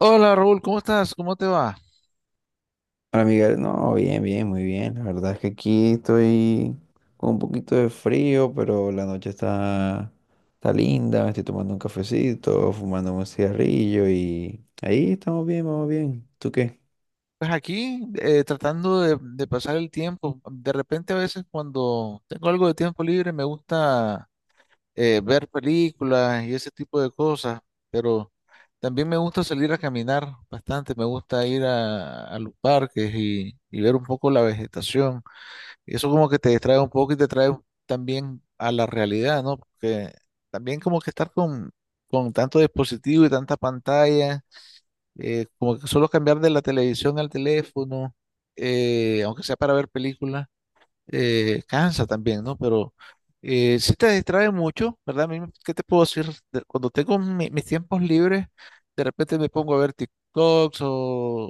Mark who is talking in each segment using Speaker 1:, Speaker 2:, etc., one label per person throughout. Speaker 1: Hola Raúl, ¿cómo estás? ¿Cómo te va?
Speaker 2: Hola Miguel, no, bien, bien, muy bien. La verdad es que aquí estoy con un poquito de frío, pero está linda, me estoy tomando un cafecito, fumando un cigarrillo y ahí estamos bien, vamos bien. ¿Tú qué?
Speaker 1: Pues aquí tratando de pasar el tiempo. De repente a veces cuando tengo algo de tiempo libre me gusta ver películas y ese tipo de cosas, pero también me gusta salir a caminar bastante, me gusta ir a los parques y ver un poco la vegetación. Y eso como que te distrae un poco y te trae también a la realidad, ¿no? Porque también como que estar con tanto dispositivo y tanta pantalla como que solo cambiar de la televisión al teléfono, aunque sea para ver películas, cansa también, ¿no? Pero sí te distrae mucho, ¿verdad? A mí, ¿qué te puedo decir? Cuando tengo mis tiempos libres, de repente me pongo a ver TikToks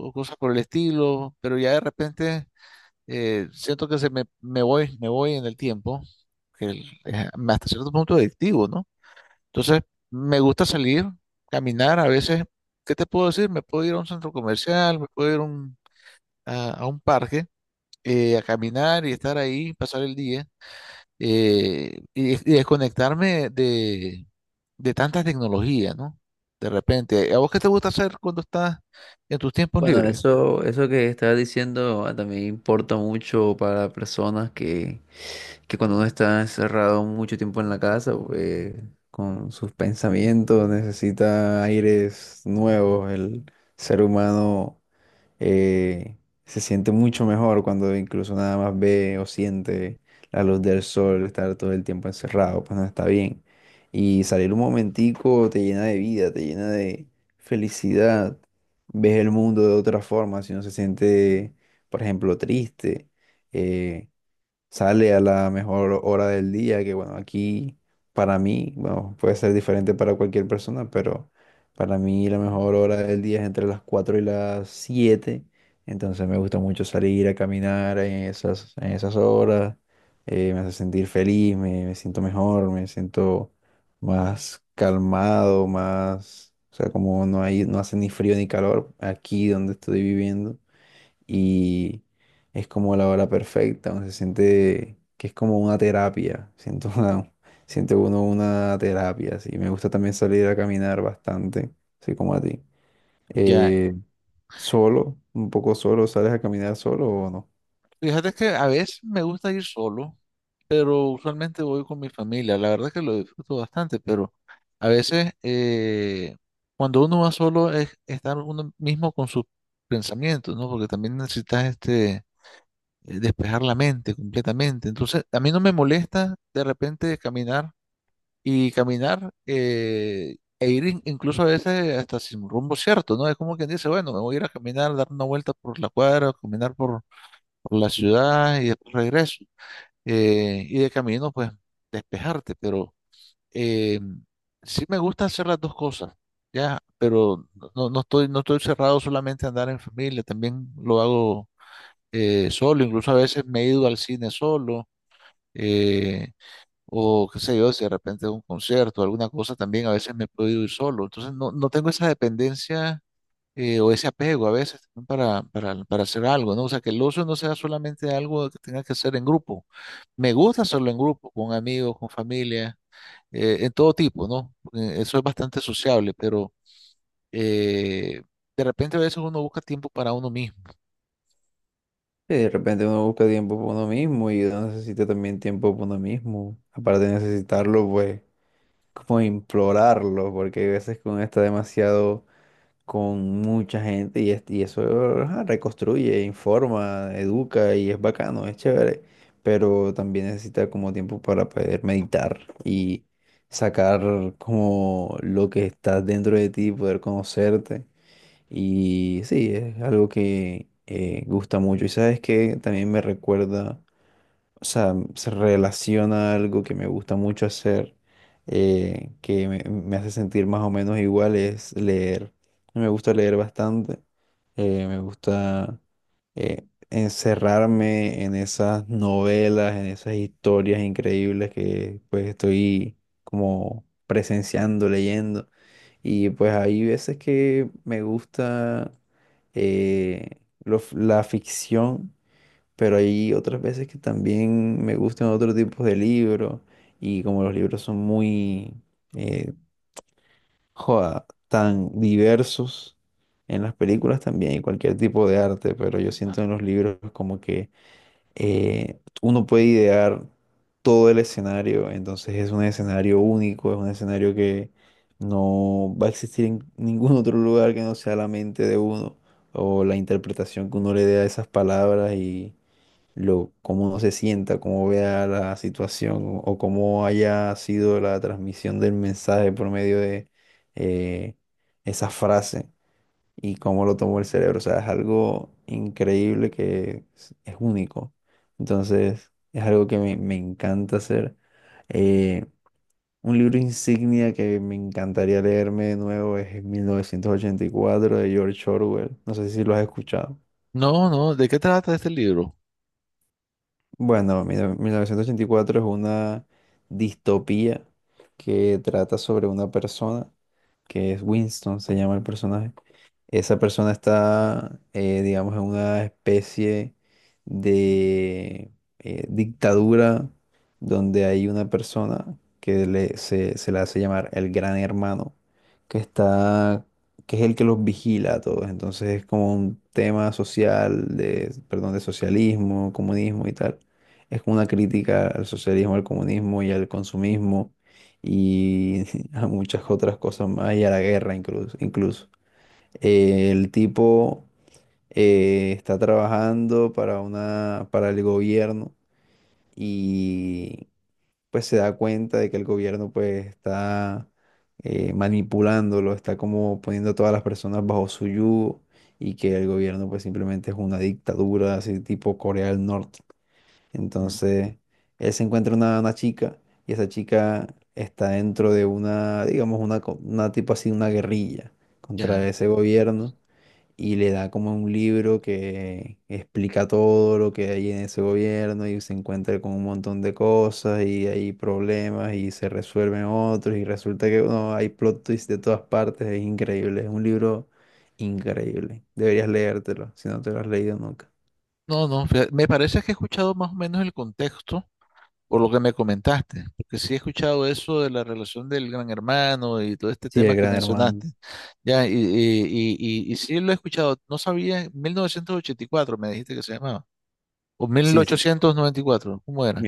Speaker 1: o cosas por el estilo, pero ya de repente siento que se me voy en el tiempo, que es hasta cierto punto adictivo, ¿no? Entonces, me gusta salir, caminar. A veces, ¿qué te puedo decir? Me puedo ir a un centro comercial, me puedo ir a a un parque, a caminar y estar ahí, pasar el día, y desconectarme de tanta tecnología, ¿no? De repente, ¿a vos qué te gusta hacer cuando estás en tus tiempos
Speaker 2: Bueno,
Speaker 1: libres?
Speaker 2: eso que estabas diciendo ah, también importa mucho para que cuando uno está encerrado mucho tiempo en la casa, pues, con sus pensamientos necesita aires nuevos. El ser humano eh, se siente mucho mejor cuando incluso nada más ve o siente la luz del sol, estar todo el tiempo encerrado, pues no está bien. Y salir un momentico te llena de vida, te llena de felicidad, ves el mundo de otra forma, si uno se siente, por ejemplo, triste, eh, sale a la mejor hora del día, que bueno, aquí para mí, bueno, puede ser diferente para cualquier persona, pero para mí la mejor hora del día es entre las 4 y las siete. Entonces me gusta mucho salir a caminar en en esas horas, me hace sentir feliz, me siento mejor, me siento más calmado, más, o sea, como no hay, no hace ni frío ni calor aquí donde estoy viviendo y es como la hora perfecta, uno se siente que es como una terapia, siento una, siente uno una terapia, sí. Me gusta también salir a caminar bastante, así como a ti.
Speaker 1: Ya,
Speaker 2: Eh, solo, un poco solo, ¿sales a caminar solo o no?
Speaker 1: fíjate que a veces me gusta ir solo, pero usualmente voy con mi familia. La verdad que lo disfruto bastante, pero a veces cuando uno va solo es estar uno mismo con sus pensamientos, ¿no? Porque también necesitas este, despejar la mente completamente. Entonces, a mí no me molesta de repente caminar y caminar e ir incluso a veces hasta sin rumbo cierto, ¿no? Es como quien dice, bueno, me voy a ir a caminar, dar una vuelta por la cuadra, caminar por la ciudad y después regreso y de camino, pues, despejarte, pero eh, sí me gusta hacer las dos cosas, ya, pero no, no estoy cerrado solamente a andar en familia, también lo hago solo, incluso a veces me he ido al cine solo, eh, o qué sé yo, si de repente un concierto, alguna cosa, también a veces me he podido ir solo, entonces no, no tengo esa dependencia o ese apego a veces también para hacer algo, ¿no? O sea, que el ocio no sea solamente algo que tenga que hacer en grupo. Me gusta hacerlo en grupo, con amigos, con familia, en todo tipo, ¿no? Porque eso es bastante sociable, pero eh, de repente a veces uno busca tiempo para uno mismo.
Speaker 2: Sí, de repente uno busca tiempo para uno mismo y uno necesita también tiempo para uno mismo. Aparte de necesitarlo, pues, como implorarlo, porque hay veces que uno está demasiado con mucha gente y, es- y eso ajá, reconstruye, informa, educa y es bacano, es chévere, pero también necesita como tiempo para poder meditar y sacar como lo que está dentro de ti, poder conocerte y sí, es algo que gusta mucho y sabes que también me recuerda, o sea, se relaciona a algo que me gusta mucho hacer, que me hace sentir más o menos igual, es leer. Me gusta leer bastante, me gusta encerrarme en esas novelas, en esas historias increíbles que pues estoy como presenciando, leyendo. Y pues hay veces que me gusta eh, lo la ficción, pero hay otras veces que también me gustan otros tipos de libros y como los libros son muy, eh, joda, tan diversos en las películas también y cualquier tipo de arte, pero yo siento en los libros como que uno puede idear todo el escenario, entonces es un escenario único, es un escenario que no va a existir en ningún otro lugar que no sea la mente de uno o la interpretación que uno le dé a esas palabras y lo, cómo se sienta, cómo vea la situación o cómo haya sido la transmisión del mensaje por medio de eh, esa frase y cómo lo tomó el cerebro. O sea, es algo increíble que es único. Entonces, es algo que me encanta hacer. Eh, un libro insignia que me encantaría leerme de nuevo es 1984 de George Orwell. No sé si lo has escuchado.
Speaker 1: No, no, ¿de qué trata este libro?
Speaker 2: Bueno, mira, 1984 es una distopía que trata sobre una persona que es Winston, se llama el personaje. Esa persona está, digamos, en una especie de dictadura donde hay una persona que le- se le hace llamar el gran hermano, que está, que es el que los vigila a todos. Entonces es como un tema social, de, perdón, de socialismo, comunismo y tal. Es como una crítica al socialismo, al comunismo y al consumismo y a muchas otras cosas más y a la guerra incluso. El tipo está trabajando para una, para el gobierno y pues se da cuenta de que el gobierno pues está manipulándolo, está como poniendo a todas las personas bajo su yugo y que el gobierno pues simplemente es una dictadura así tipo Corea del Norte.
Speaker 1: Mm.
Speaker 2: Entonces él se encuentra una chica y esa chica está dentro de una, digamos, una, co- una tipo así, una guerrilla contra
Speaker 1: Ya.
Speaker 2: ese gobierno y le da como un libro que explica todo lo que hay en ese gobierno y se encuentra con un montón de cosas y hay problemas y se resuelven otros y resulta que no, hay plot twists de todas partes, es increíble, es un libro increíble. Deberías leértelo si no te lo has leído nunca.
Speaker 1: No, no, fíjate, me parece que he escuchado más o menos el contexto, por lo que me comentaste, porque sí he escuchado eso de la relación del gran hermano y todo este
Speaker 2: Sí,
Speaker 1: tema
Speaker 2: El
Speaker 1: que
Speaker 2: Gran Hermano.
Speaker 1: mencionaste, ya, y sí lo he escuchado, no sabía, 1984 me dijiste que se llamaba, o
Speaker 2: Sí, sí,
Speaker 1: 1894, ¿cómo era?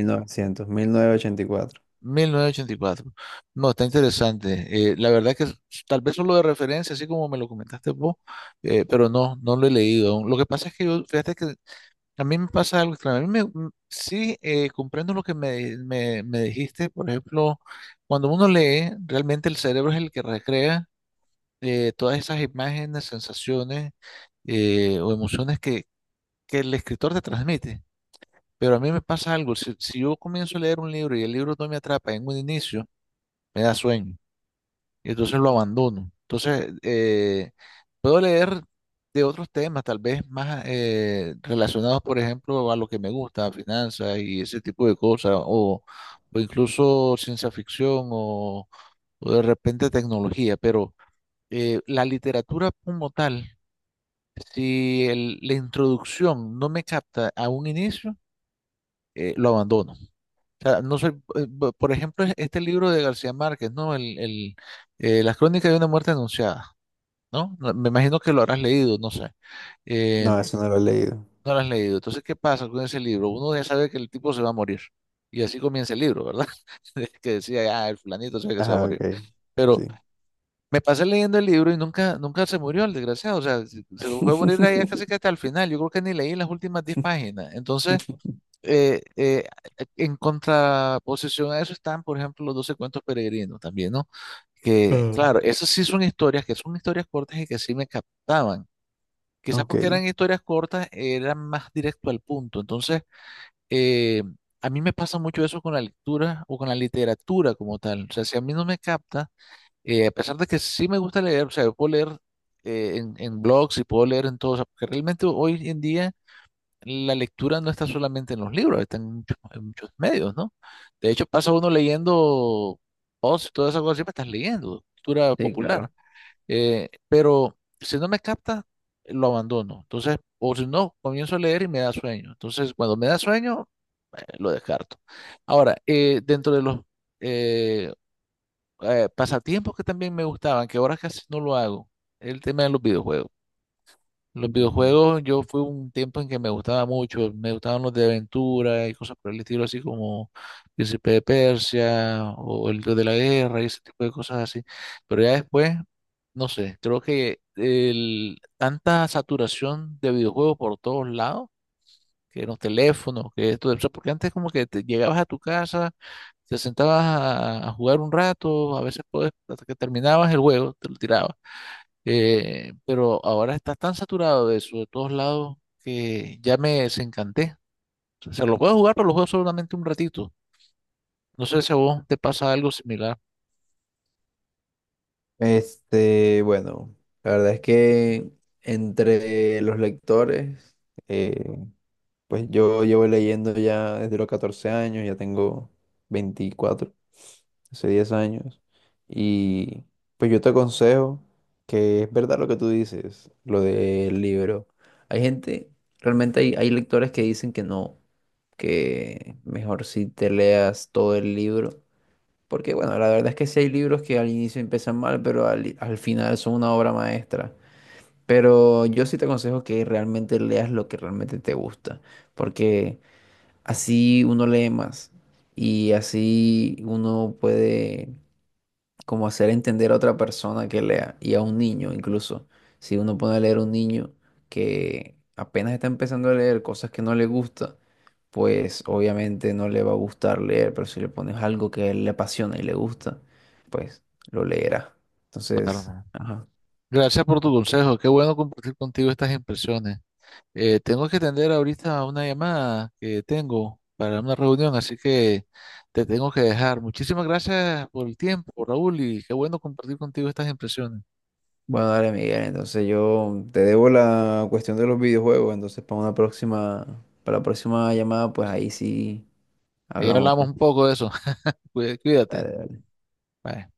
Speaker 2: 1900, 1984.
Speaker 1: 1984. No, está
Speaker 2: Sí.
Speaker 1: interesante. La verdad que tal vez solo de referencia, así como me lo comentaste vos, pero no, no lo he leído aún. Lo que pasa es que yo, fíjate que a mí me pasa algo extraño. A mí sí, comprendo lo que me dijiste. Por ejemplo, cuando uno lee, realmente el cerebro es el que recrea todas esas imágenes, sensaciones o emociones que el escritor te transmite. Pero a mí me pasa algo. Si yo comienzo a leer un libro y el libro no me atrapa en un inicio, me da sueño y entonces lo abandono. Entonces, puedo leer de otros temas, tal vez más relacionados, por ejemplo, a lo que me gusta, finanzas y ese tipo de cosas, o incluso ciencia ficción o de repente tecnología, pero la literatura como tal, si la introducción no me capta a un inicio, lo abandono. O sea, no soy, por ejemplo, este libro de García Márquez, ¿no? Las crónicas de una muerte anunciada, ¿no? No, me imagino que lo habrás leído, no sé. Eh,
Speaker 2: No, eso no lo
Speaker 1: no
Speaker 2: he leído.
Speaker 1: lo has leído. Entonces, ¿qué pasa con ese libro? Uno ya sabe que el tipo se va a morir. Y así comienza el libro, ¿verdad? De Que decía, ah, el fulanito sabe que se va a
Speaker 2: Ajá,
Speaker 1: morir.
Speaker 2: ok.
Speaker 1: Pero
Speaker 2: Sí.
Speaker 1: me pasé leyendo el libro y nunca, nunca se murió el desgraciado. O sea, se fue a morir ahí casi que hasta el final. Yo creo que ni leí las últimas 10 páginas. Entonces, eh, eh, en contraposición a eso están, por ejemplo, los 12 cuentos peregrinos también, ¿no? Que,
Speaker 2: Ah,
Speaker 1: claro, esas sí son historias, que son historias cortas y que sí me captaban. Quizás porque
Speaker 2: ok.
Speaker 1: eran historias cortas, eran más directo al punto. Entonces, eh, a mí me pasa mucho eso con la lectura o con la literatura como tal. O sea, si a mí no me capta, a pesar de que sí me gusta leer, o sea, yo puedo leer en blogs y puedo leer en todo, o sea, porque realmente hoy en día la lectura no está solamente en los libros, está en muchos medios, ¿no? De hecho, pasa uno leyendo posts y todas esas cosas, siempre estás leyendo, cultura
Speaker 2: Sí,
Speaker 1: popular.
Speaker 2: claro.
Speaker 1: Pero si no me capta, lo abandono. Entonces, o si no, comienzo a leer y me da sueño. Entonces, cuando me da sueño, lo descarto. Ahora, dentro de los eh, pasatiempos que también me gustaban, que ahora casi no lo hago, el tema de los videojuegos. Los
Speaker 2: Mm.
Speaker 1: videojuegos, yo fui un tiempo en que me gustaba mucho, me gustaban los de aventura y cosas por el estilo, así como Príncipe de Persia o el Dios de la Guerra y ese tipo de cosas así. Pero ya después, no sé, creo que el, tanta saturación de videojuegos por todos lados, que los teléfonos, que esto, o sea, porque antes como que te llegabas a tu casa, te sentabas a jugar un rato, a veces podés, hasta que terminabas el juego, te lo tirabas pero ahora está tan saturado de eso de todos lados que ya me desencanté. O sea, lo puedo jugar, pero lo juego solamente un ratito. No sé si a vos te pasa algo similar.
Speaker 2: Este, bueno, la verdad es que entre los lectores, eh, pues yo llevo leyendo ya desde los 14 años, ya tengo 24, hace 10 años, y pues yo te aconsejo, que es verdad lo que tú dices, lo del libro. Hay gente, realmente hay, hay lectores que dicen que no, que mejor si te leas todo el libro, porque bueno, la verdad es que sí hay libros que al inicio empiezan mal, pero al final son una obra maestra. Pero yo sí te aconsejo que realmente leas lo que realmente te gusta, porque así uno lee más y así uno puede como hacer entender a otra persona que lea y a un niño incluso. Si uno pone a leer a un niño que apenas está empezando a leer cosas que no le gusta, pues obviamente no le va a gustar leer, pero si le pones algo que a él le apasiona y le gusta, pues lo leerá. Entonces,
Speaker 1: Carmen.
Speaker 2: ajá.
Speaker 1: Gracias por tu consejo. Qué bueno compartir contigo estas impresiones. Tengo que atender ahorita una llamada que tengo para una reunión, así que te tengo que dejar. Muchísimas gracias por el tiempo, Raúl, y qué bueno compartir contigo estas impresiones.
Speaker 2: Bueno, dale, Miguel, entonces yo te debo la cuestión de los videojuegos, entonces para una próxima, para la próxima llamada, pues ahí sí
Speaker 1: Ahí
Speaker 2: hablamos,
Speaker 1: hablamos
Speaker 2: pues.
Speaker 1: un poco de eso. Cuídate.
Speaker 2: Dale, dale.
Speaker 1: Bye.